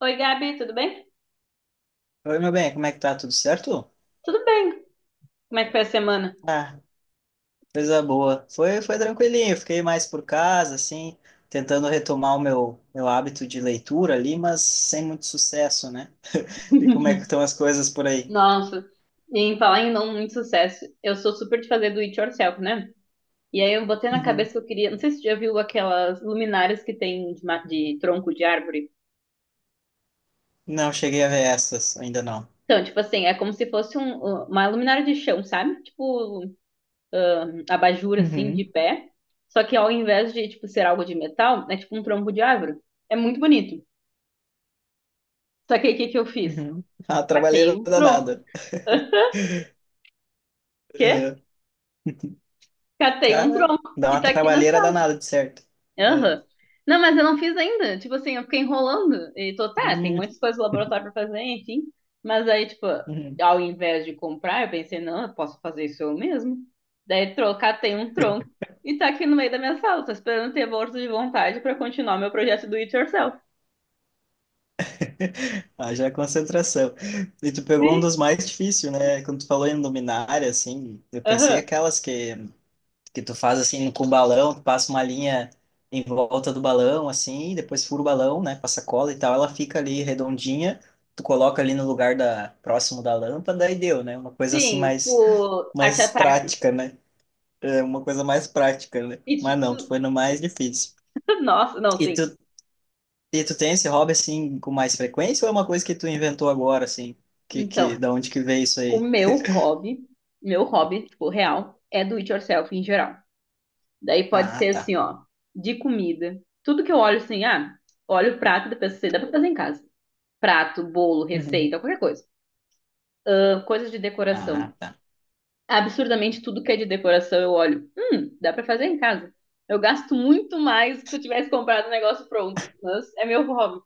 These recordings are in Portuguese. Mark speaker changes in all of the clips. Speaker 1: Oi, Gabi, tudo bem?
Speaker 2: Oi, meu bem, como é que tá? Tudo certo?
Speaker 1: Tudo bem. Como é que foi a semana?
Speaker 2: Ah, coisa boa. Foi tranquilinho, fiquei mais por casa, assim, tentando retomar o meu hábito de leitura ali, mas sem muito sucesso, né? E como é que estão as coisas por aí?
Speaker 1: Nossa, e em falar em não muito sucesso, eu sou super de fazer do it yourself, né? E aí eu botei na
Speaker 2: Uhum.
Speaker 1: cabeça que eu queria. Não sei se você já viu aquelas luminárias que tem de, de tronco de árvore.
Speaker 2: Não cheguei a ver essas, ainda não.
Speaker 1: Então, tipo assim, é como se fosse uma luminária de chão, sabe? Tipo, um abajur, assim,
Speaker 2: Uhum,
Speaker 1: de pé. Só que ao invés de, tipo, ser algo de metal, é tipo um tronco de árvore. É muito bonito. Só que aí o que que eu fiz?
Speaker 2: uhum. Ah,
Speaker 1: Catei
Speaker 2: trabalheira
Speaker 1: um tronco.
Speaker 2: danada.
Speaker 1: Quê?
Speaker 2: Uhum.
Speaker 1: Catei um
Speaker 2: Cara,
Speaker 1: tronco
Speaker 2: dá
Speaker 1: e
Speaker 2: uma
Speaker 1: tá aqui na
Speaker 2: trabalheira
Speaker 1: sala.
Speaker 2: danada, de certo.
Speaker 1: Aham. Não, mas eu não fiz ainda. Tipo assim, eu fiquei enrolando. E tô, tá, tem
Speaker 2: Uhum.
Speaker 1: muitas coisas do laboratório pra fazer, enfim. Mas aí, tipo,
Speaker 2: Uhum.
Speaker 1: ao invés de comprar, eu pensei, não, eu posso fazer isso eu mesmo. Daí trocar tem um tronco e tá aqui no meio da minha sala. Tô esperando ter força de vontade pra continuar meu projeto do It Yourself.
Speaker 2: Haja concentração. E tu pegou um
Speaker 1: Sim.
Speaker 2: dos mais difíceis, né? Quando tu falou em luminária, assim, eu pensei
Speaker 1: Aham.
Speaker 2: aquelas que tu faz, assim, com balão, tu passa uma linha em volta do balão, assim, depois fura o balão, né? Passa cola e tal, ela fica ali redondinha, tu coloca ali no lugar da, próximo da lâmpada e deu, né? Uma coisa, assim,
Speaker 1: Sim,
Speaker 2: mais,
Speaker 1: tipo, arte
Speaker 2: mais
Speaker 1: ataque.
Speaker 2: prática, né? É uma coisa mais prática, né?
Speaker 1: E, tu-
Speaker 2: Mas não, tu
Speaker 1: tu-
Speaker 2: foi no mais difícil.
Speaker 1: nossa, não,
Speaker 2: E tu
Speaker 1: sim.
Speaker 2: e tu tem esse hobby assim com mais frequência ou é uma coisa que tu inventou agora assim? Que
Speaker 1: Então.
Speaker 2: da onde que veio isso
Speaker 1: O
Speaker 2: aí?
Speaker 1: meu hobby, tipo, real, é do it yourself em geral. Daí pode
Speaker 2: Ah,
Speaker 1: ser
Speaker 2: tá.
Speaker 1: assim, ó, de comida. Tudo que eu olho assim, ah, olho o prato da pessoa, dá pra fazer em casa. Prato, bolo,
Speaker 2: Uhum.
Speaker 1: receita, qualquer coisa. Ah, coisas de decoração.
Speaker 2: Ah, tá.
Speaker 1: Absurdamente tudo que é de decoração eu olho. Dá pra fazer em casa. Eu gasto muito mais do que se eu tivesse comprado um negócio pronto. Mas é meu hobby.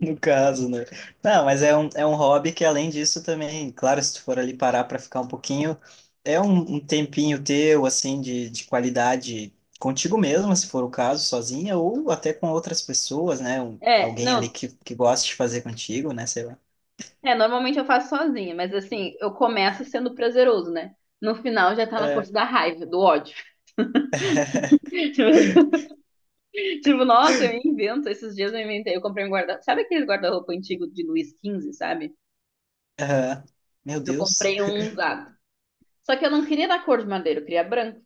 Speaker 2: No caso, né? Não, mas é um hobby que além disso também, claro, se tu for ali parar para ficar um pouquinho, é um tempinho teu assim de qualidade contigo mesmo se for o caso, sozinha ou até com outras pessoas, né?
Speaker 1: É,
Speaker 2: Alguém ali
Speaker 1: não,
Speaker 2: que gosta de fazer contigo, né? Sei lá.
Speaker 1: é, normalmente eu faço sozinha, mas assim, eu começo sendo prazeroso, né? No final já tá na
Speaker 2: É.
Speaker 1: força da raiva, do ódio. Tipo, tipo, nossa, eu invento. Esses dias eu inventei. Eu comprei um guarda-roupa. Sabe aquele guarda-roupa antigo de Luiz quinze sabe?
Speaker 2: Aham. Meu
Speaker 1: Eu
Speaker 2: Deus.
Speaker 1: comprei um usado. Só que eu não queria da cor de madeira, eu queria branco. O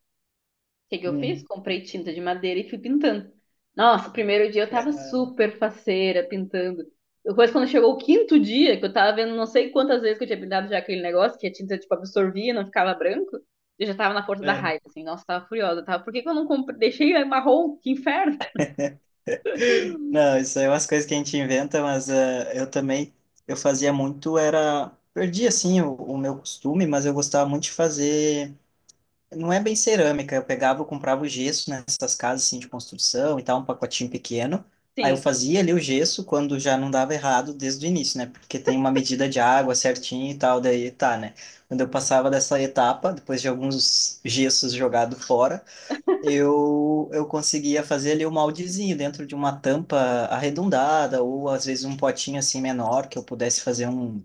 Speaker 1: que que eu fiz?
Speaker 2: Hum.
Speaker 1: Comprei tinta de madeira e fui pintando. Nossa, o primeiro dia eu tava
Speaker 2: Cara.
Speaker 1: super faceira pintando. Depois, quando chegou o quinto dia, que eu tava vendo não sei quantas vezes que eu tinha pintado já aquele negócio, que a tinta, tipo, absorvia e não ficava branco, eu já tava na força da raiva, assim. Nossa, eu tava furiosa, tava. Por que que eu não comprei? Deixei marrom? Que inferno!
Speaker 2: Não, isso aí é umas coisas que a gente inventa, mas eu também, eu fazia muito, era, perdi assim o meu costume, mas eu gostava muito de fazer, não é bem cerâmica, eu comprava o gesso nessas casas assim de construção e tal, um pacotinho pequeno, aí eu
Speaker 1: Sim,
Speaker 2: fazia ali o gesso quando já não dava errado desde o início, né, porque tem uma medida de água certinho e tal, daí tá, né, quando eu passava dessa etapa, depois de alguns gessos jogados fora, eu conseguia fazer ali o moldezinho dentro de uma tampa arredondada, ou às vezes um potinho assim menor, que eu pudesse fazer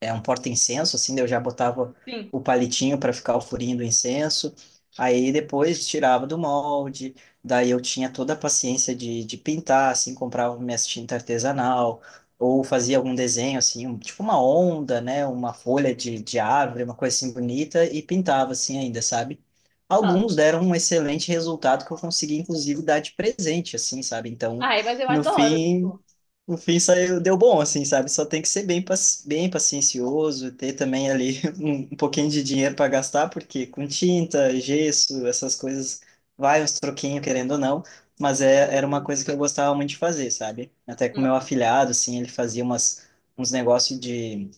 Speaker 2: é um porta-incenso, assim, daí eu já botava
Speaker 1: sim.
Speaker 2: o palitinho para ficar o furinho do incenso, aí depois tirava do molde, daí eu tinha toda a paciência de pintar, assim, comprava minhas tinta artesanal, ou fazia algum desenho, assim, tipo uma onda, né, uma folha de árvore, uma coisa assim bonita, e pintava, assim, ainda, sabe?
Speaker 1: Ah,
Speaker 2: Alguns deram um excelente resultado que eu consegui, inclusive, dar de presente, assim, sabe? Então,
Speaker 1: ai, mas eu
Speaker 2: no
Speaker 1: adoro,
Speaker 2: fim,
Speaker 1: tipo.
Speaker 2: no fim saiu, deu bom, assim, sabe? Só tem que ser bem paciencioso, ter também ali um pouquinho de dinheiro para gastar, porque com tinta, gesso, essas coisas, vai uns troquinhos, querendo ou não, mas era uma coisa que eu gostava muito de fazer, sabe? Até com
Speaker 1: Não,
Speaker 2: meu afilhado, assim, ele fazia uns negócios de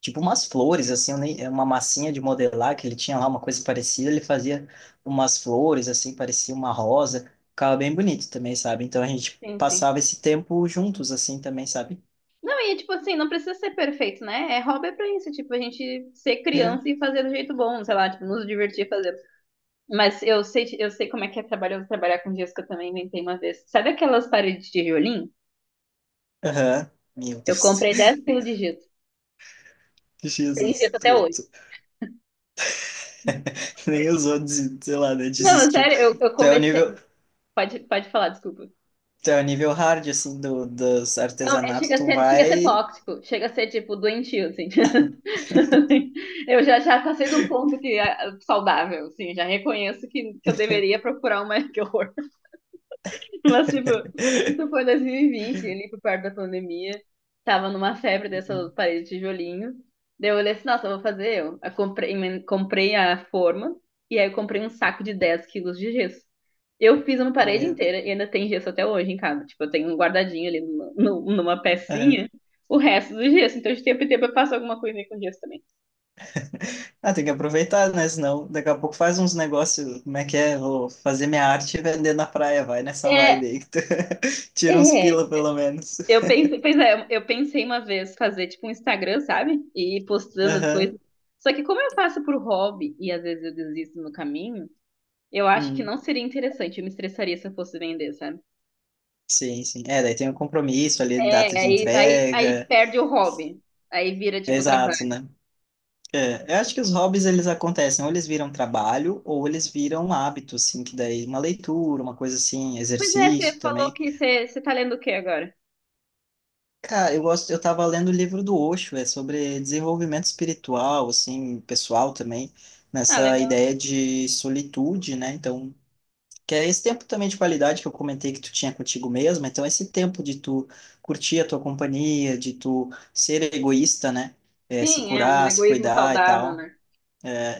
Speaker 2: tipo umas flores, assim, eu nem- é uma massinha de modelar que ele tinha lá, uma coisa parecida, ele fazia umas flores, assim, parecia uma rosa, ficava bem bonito também, sabe? Então a gente
Speaker 1: sim, sim.
Speaker 2: passava esse tempo juntos, assim, também, sabe?
Speaker 1: Não, e tipo assim, não precisa ser perfeito, né? É hobby é pra isso, tipo, a gente ser
Speaker 2: É.
Speaker 1: criança e fazer do jeito bom, sei lá, tipo, nos divertir fazendo. Mas eu sei como é que é trabalhoso trabalhar com giz que eu também inventei uma vez. Sabe aquelas paredes de tijolinho?
Speaker 2: Aham. Meu
Speaker 1: Eu
Speaker 2: Deus.
Speaker 1: comprei 10 quilos de giz. Tem
Speaker 2: Jesus,
Speaker 1: giz até hoje.
Speaker 2: nem usou, sei lá, né,
Speaker 1: Não,
Speaker 2: desistiu.
Speaker 1: sério, eu
Speaker 2: Tu é o
Speaker 1: comecei.
Speaker 2: nível,
Speaker 1: Pode falar, desculpa.
Speaker 2: tu é o nível hard, assim, dos
Speaker 1: Não, é,
Speaker 2: artesanatos, tu
Speaker 1: chega a ser
Speaker 2: vai.
Speaker 1: tóxico, chega a ser, tipo, doentio, assim. Eu já, já passei de um ponto que é saudável, assim, já reconheço que eu deveria procurar uma que horror. Mas, tipo, isso foi 2020, ali por perto da pandemia. Tava numa febre dessas
Speaker 2: Uhum.
Speaker 1: paredes de tijolinho. Daí eu olhei assim, nossa, eu vou fazer eu. Eu comprei, comprei a forma e aí eu comprei um saco de 10 quilos de gesso. Eu fiz uma parede
Speaker 2: Meu.
Speaker 1: inteira e ainda tem gesso até hoje em casa. Tipo, eu tenho um guardadinho ali numa pecinha o resto do gesso. Então, de tempo em tempo eu passo alguma coisa aí com gesso também.
Speaker 2: Ah, tem que aproveitar, né? Senão daqui a pouco faz uns negócios. Como é que é? Vou fazer minha arte e vender na praia. Vai nessa vibe
Speaker 1: É,
Speaker 2: aí que tu tira uns
Speaker 1: É,
Speaker 2: pila, pelo menos.
Speaker 1: eu pensei, pois é, eu pensei uma vez fazer tipo um Instagram, sabe? E ir postando as
Speaker 2: Aham.
Speaker 1: coisas. Só que como eu faço por hobby e às vezes eu desisto no caminho, eu acho que
Speaker 2: Hum.
Speaker 1: não seria interessante. Eu me estressaria se eu fosse vender, sabe?
Speaker 2: Sim, sim. É, daí tem um compromisso ali, data
Speaker 1: É,
Speaker 2: de
Speaker 1: aí
Speaker 2: entrega.
Speaker 1: perde o hobby. Aí vira tipo
Speaker 2: Exato,
Speaker 1: trabalho.
Speaker 2: né? É, eu acho que os hobbies eles acontecem, ou eles viram trabalho, ou eles viram hábito, assim, que daí uma leitura, uma coisa assim,
Speaker 1: Pois é,
Speaker 2: exercício
Speaker 1: você falou
Speaker 2: também.
Speaker 1: que você tá lendo o quê agora?
Speaker 2: Cara, eu gosto, eu tava lendo o livro do Osho, é sobre desenvolvimento espiritual, assim, pessoal também,
Speaker 1: Ah,
Speaker 2: nessa
Speaker 1: legal.
Speaker 2: ideia de solitude, né? Então, que é esse tempo também de qualidade que eu comentei que tu tinha contigo mesmo, então esse tempo de tu curtir a tua companhia, de tu ser egoísta, né? É, se
Speaker 1: Sim, é um
Speaker 2: curar, se
Speaker 1: egoísmo
Speaker 2: cuidar e
Speaker 1: saudável,
Speaker 2: tal.
Speaker 1: né?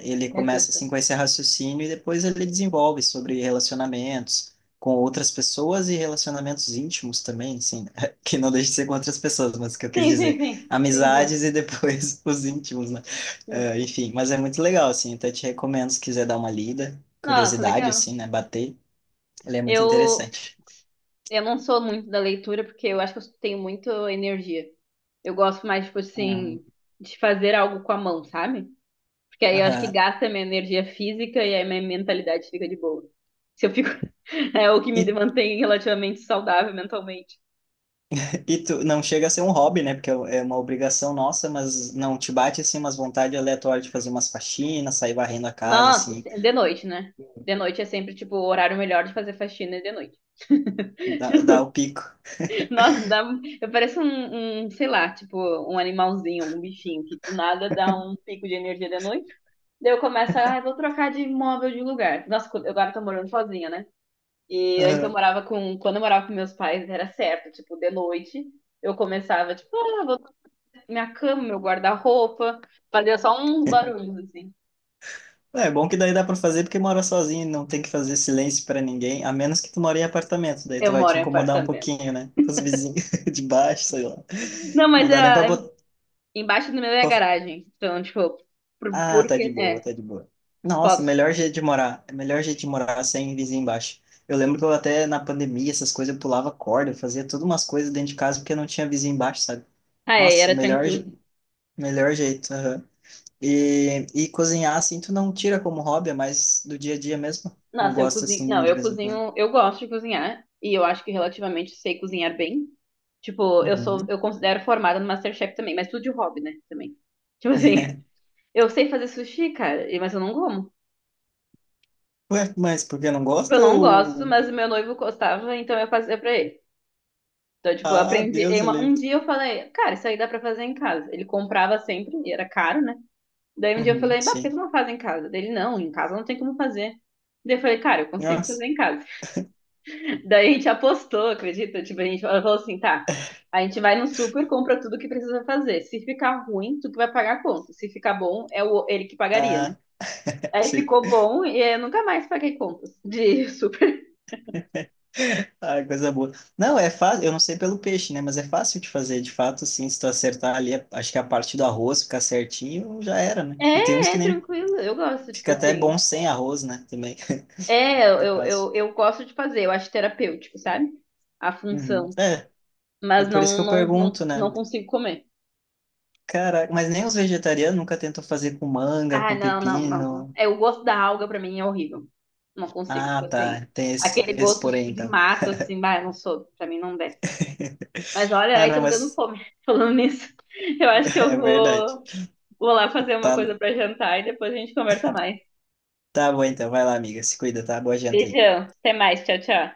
Speaker 2: Ele começa
Speaker 1: Necessário.
Speaker 2: assim com esse raciocínio e depois ele desenvolve sobre relacionamentos com outras pessoas e relacionamentos íntimos também, assim, que não deixa de ser com outras pessoas, mas que eu quis
Speaker 1: Sim, sim,
Speaker 2: dizer,
Speaker 1: sim. Entendi.
Speaker 2: amizades e depois os íntimos, né?
Speaker 1: Sim.
Speaker 2: Enfim, mas é muito legal, assim, até te recomendo se quiser dar uma lida,
Speaker 1: Nossa,
Speaker 2: curiosidade,
Speaker 1: legal.
Speaker 2: assim, né, bater, ele é muito
Speaker 1: Eu,
Speaker 2: interessante.
Speaker 1: Eu não sou muito da leitura porque eu acho que eu tenho muito energia. Eu gosto mais, tipo assim,
Speaker 2: Uhum.
Speaker 1: de fazer algo com a mão, sabe? Porque aí eu acho que
Speaker 2: Aham.
Speaker 1: gasta minha energia física e aí minha mentalidade fica de boa. Se eu fico, é o que me
Speaker 2: E
Speaker 1: mantém relativamente saudável mentalmente.
Speaker 2: E tu não chega a ser um hobby, né? Porque é uma obrigação nossa, mas não te bate assim umas vontades aleatórias de fazer umas faxinas, sair varrendo a casa,
Speaker 1: Nossa,
Speaker 2: assim,
Speaker 1: de noite, né? De noite é sempre, tipo, o horário melhor de fazer faxina é de noite.
Speaker 2: dá, o pico.
Speaker 1: Nossa, dá, eu pareço um, sei lá, tipo, um animalzinho, algum bichinho que do nada dá um pico de energia de noite. Daí eu começo, ah, eu vou trocar de imóvel de lugar. Nossa, eu agora tô morando sozinha, né? E antes eu
Speaker 2: Aham.
Speaker 1: morava com, quando eu morava com meus pais, era certo, tipo, de noite, eu começava, tipo, ah, vou trocar minha cama, meu guarda-roupa, fazia só uns barulhos, assim.
Speaker 2: É bom que daí dá pra fazer porque mora sozinho, não tem que fazer silêncio pra ninguém, a menos que tu mora em apartamento, daí
Speaker 1: Eu
Speaker 2: tu vai
Speaker 1: moro
Speaker 2: te
Speaker 1: em
Speaker 2: incomodar um
Speaker 1: apartamento.
Speaker 2: pouquinho, né? Com os vizinhos de baixo, sei lá.
Speaker 1: Não,
Speaker 2: Não
Speaker 1: mas
Speaker 2: dá nem pra
Speaker 1: ah,
Speaker 2: botar.
Speaker 1: embaixo do meu é a garagem, então, tipo, por,
Speaker 2: Ah, tá de
Speaker 1: porque,
Speaker 2: boa,
Speaker 1: é,
Speaker 2: tá de boa. Nossa,
Speaker 1: posso.
Speaker 2: melhor jeito de morar. É melhor jeito de morar sem vizinho embaixo. Eu lembro que eu até na pandemia, essas coisas, eu pulava corda, eu fazia todas umas coisas dentro de casa porque não tinha vizinho embaixo, sabe?
Speaker 1: Ah, é,
Speaker 2: Nossa,
Speaker 1: era tranquilo.
Speaker 2: melhor jeito. Aham. E cozinhar, assim, tu não tira como hobby, é mais do dia a dia mesmo? Ou
Speaker 1: Nossa, eu
Speaker 2: gosta,
Speaker 1: cozinho.
Speaker 2: assim,
Speaker 1: Não,
Speaker 2: de
Speaker 1: eu
Speaker 2: vez em quando?
Speaker 1: cozinho. Eu gosto de cozinhar. E eu acho que relativamente sei cozinhar bem. Tipo, eu sou.
Speaker 2: Uhum.
Speaker 1: Eu considero formada no MasterChef também, mas tudo de hobby, né? Também. Tipo assim, eu sei fazer sushi, cara, e- mas eu não como.
Speaker 2: Ué, mas porque não
Speaker 1: Eu
Speaker 2: gosta
Speaker 1: não gosto,
Speaker 2: ou?
Speaker 1: mas o meu noivo gostava, então eu fazia pra ele. Então, tipo, eu
Speaker 2: Ah,
Speaker 1: aprendi.
Speaker 2: Deus, eu
Speaker 1: Um
Speaker 2: livre.
Speaker 1: dia eu falei, cara, isso aí dá pra fazer em casa. Ele comprava sempre, e era caro, né? Daí um dia eu
Speaker 2: Uhum,
Speaker 1: falei, bah, por que tu
Speaker 2: sim.
Speaker 1: não faz em casa? Dele não, em casa não tem como fazer. Daí eu falei, cara, eu consigo fazer
Speaker 2: Nossa,
Speaker 1: em casa. Daí a gente apostou, acredita? Tipo, a gente falou assim, tá, a gente vai no super, compra tudo que precisa fazer. Se ficar ruim, tu que vai pagar a conta. Se ficar bom, ele que pagaria, né?
Speaker 2: ah,
Speaker 1: Aí
Speaker 2: sim.
Speaker 1: ficou bom e eu nunca mais paguei contas de super.
Speaker 2: Ah, coisa boa. Não, é fácil, eu não sei pelo peixe, né? Mas é fácil de fazer, de fato, assim, se tu acertar ali, acho que a parte do arroz ficar certinho, já era, né? E tem uns
Speaker 1: É,
Speaker 2: que
Speaker 1: é
Speaker 2: nem
Speaker 1: tranquilo, eu gosto, tipo
Speaker 2: fica até
Speaker 1: assim.
Speaker 2: bom sem arroz, né? Também,
Speaker 1: É,
Speaker 2: no
Speaker 1: eu,
Speaker 2: caso.
Speaker 1: eu, eu gosto de fazer, eu acho terapêutico, sabe? A
Speaker 2: Uhum.
Speaker 1: função.
Speaker 2: É, é
Speaker 1: Mas
Speaker 2: por isso que
Speaker 1: não,
Speaker 2: eu
Speaker 1: não, não,
Speaker 2: pergunto,
Speaker 1: não
Speaker 2: né?
Speaker 1: consigo comer.
Speaker 2: Cara, mas nem os vegetarianos nunca tentam fazer com manga, com
Speaker 1: Ai, não, não, não, não.
Speaker 2: pepino.
Speaker 1: É, o gosto da alga pra mim é horrível. Não consigo,
Speaker 2: Ah,
Speaker 1: tipo assim,
Speaker 2: tá, tem esse,
Speaker 1: aquele
Speaker 2: esse
Speaker 1: gosto
Speaker 2: porém,
Speaker 1: tipo de
Speaker 2: então.
Speaker 1: mato, assim, bah, eu não sou, pra mim não desce. Mas olha,
Speaker 2: Ah,
Speaker 1: aí tá
Speaker 2: não,
Speaker 1: me dando
Speaker 2: mas
Speaker 1: fome falando nisso. Eu acho que eu
Speaker 2: é verdade.
Speaker 1: vou lá fazer uma
Speaker 2: Tá,
Speaker 1: coisa pra jantar e depois a gente conversa mais.
Speaker 2: tá bom, então, vai lá, amiga, se cuida, tá? Boa janta aí.
Speaker 1: Beijão, até mais, tchau, tchau.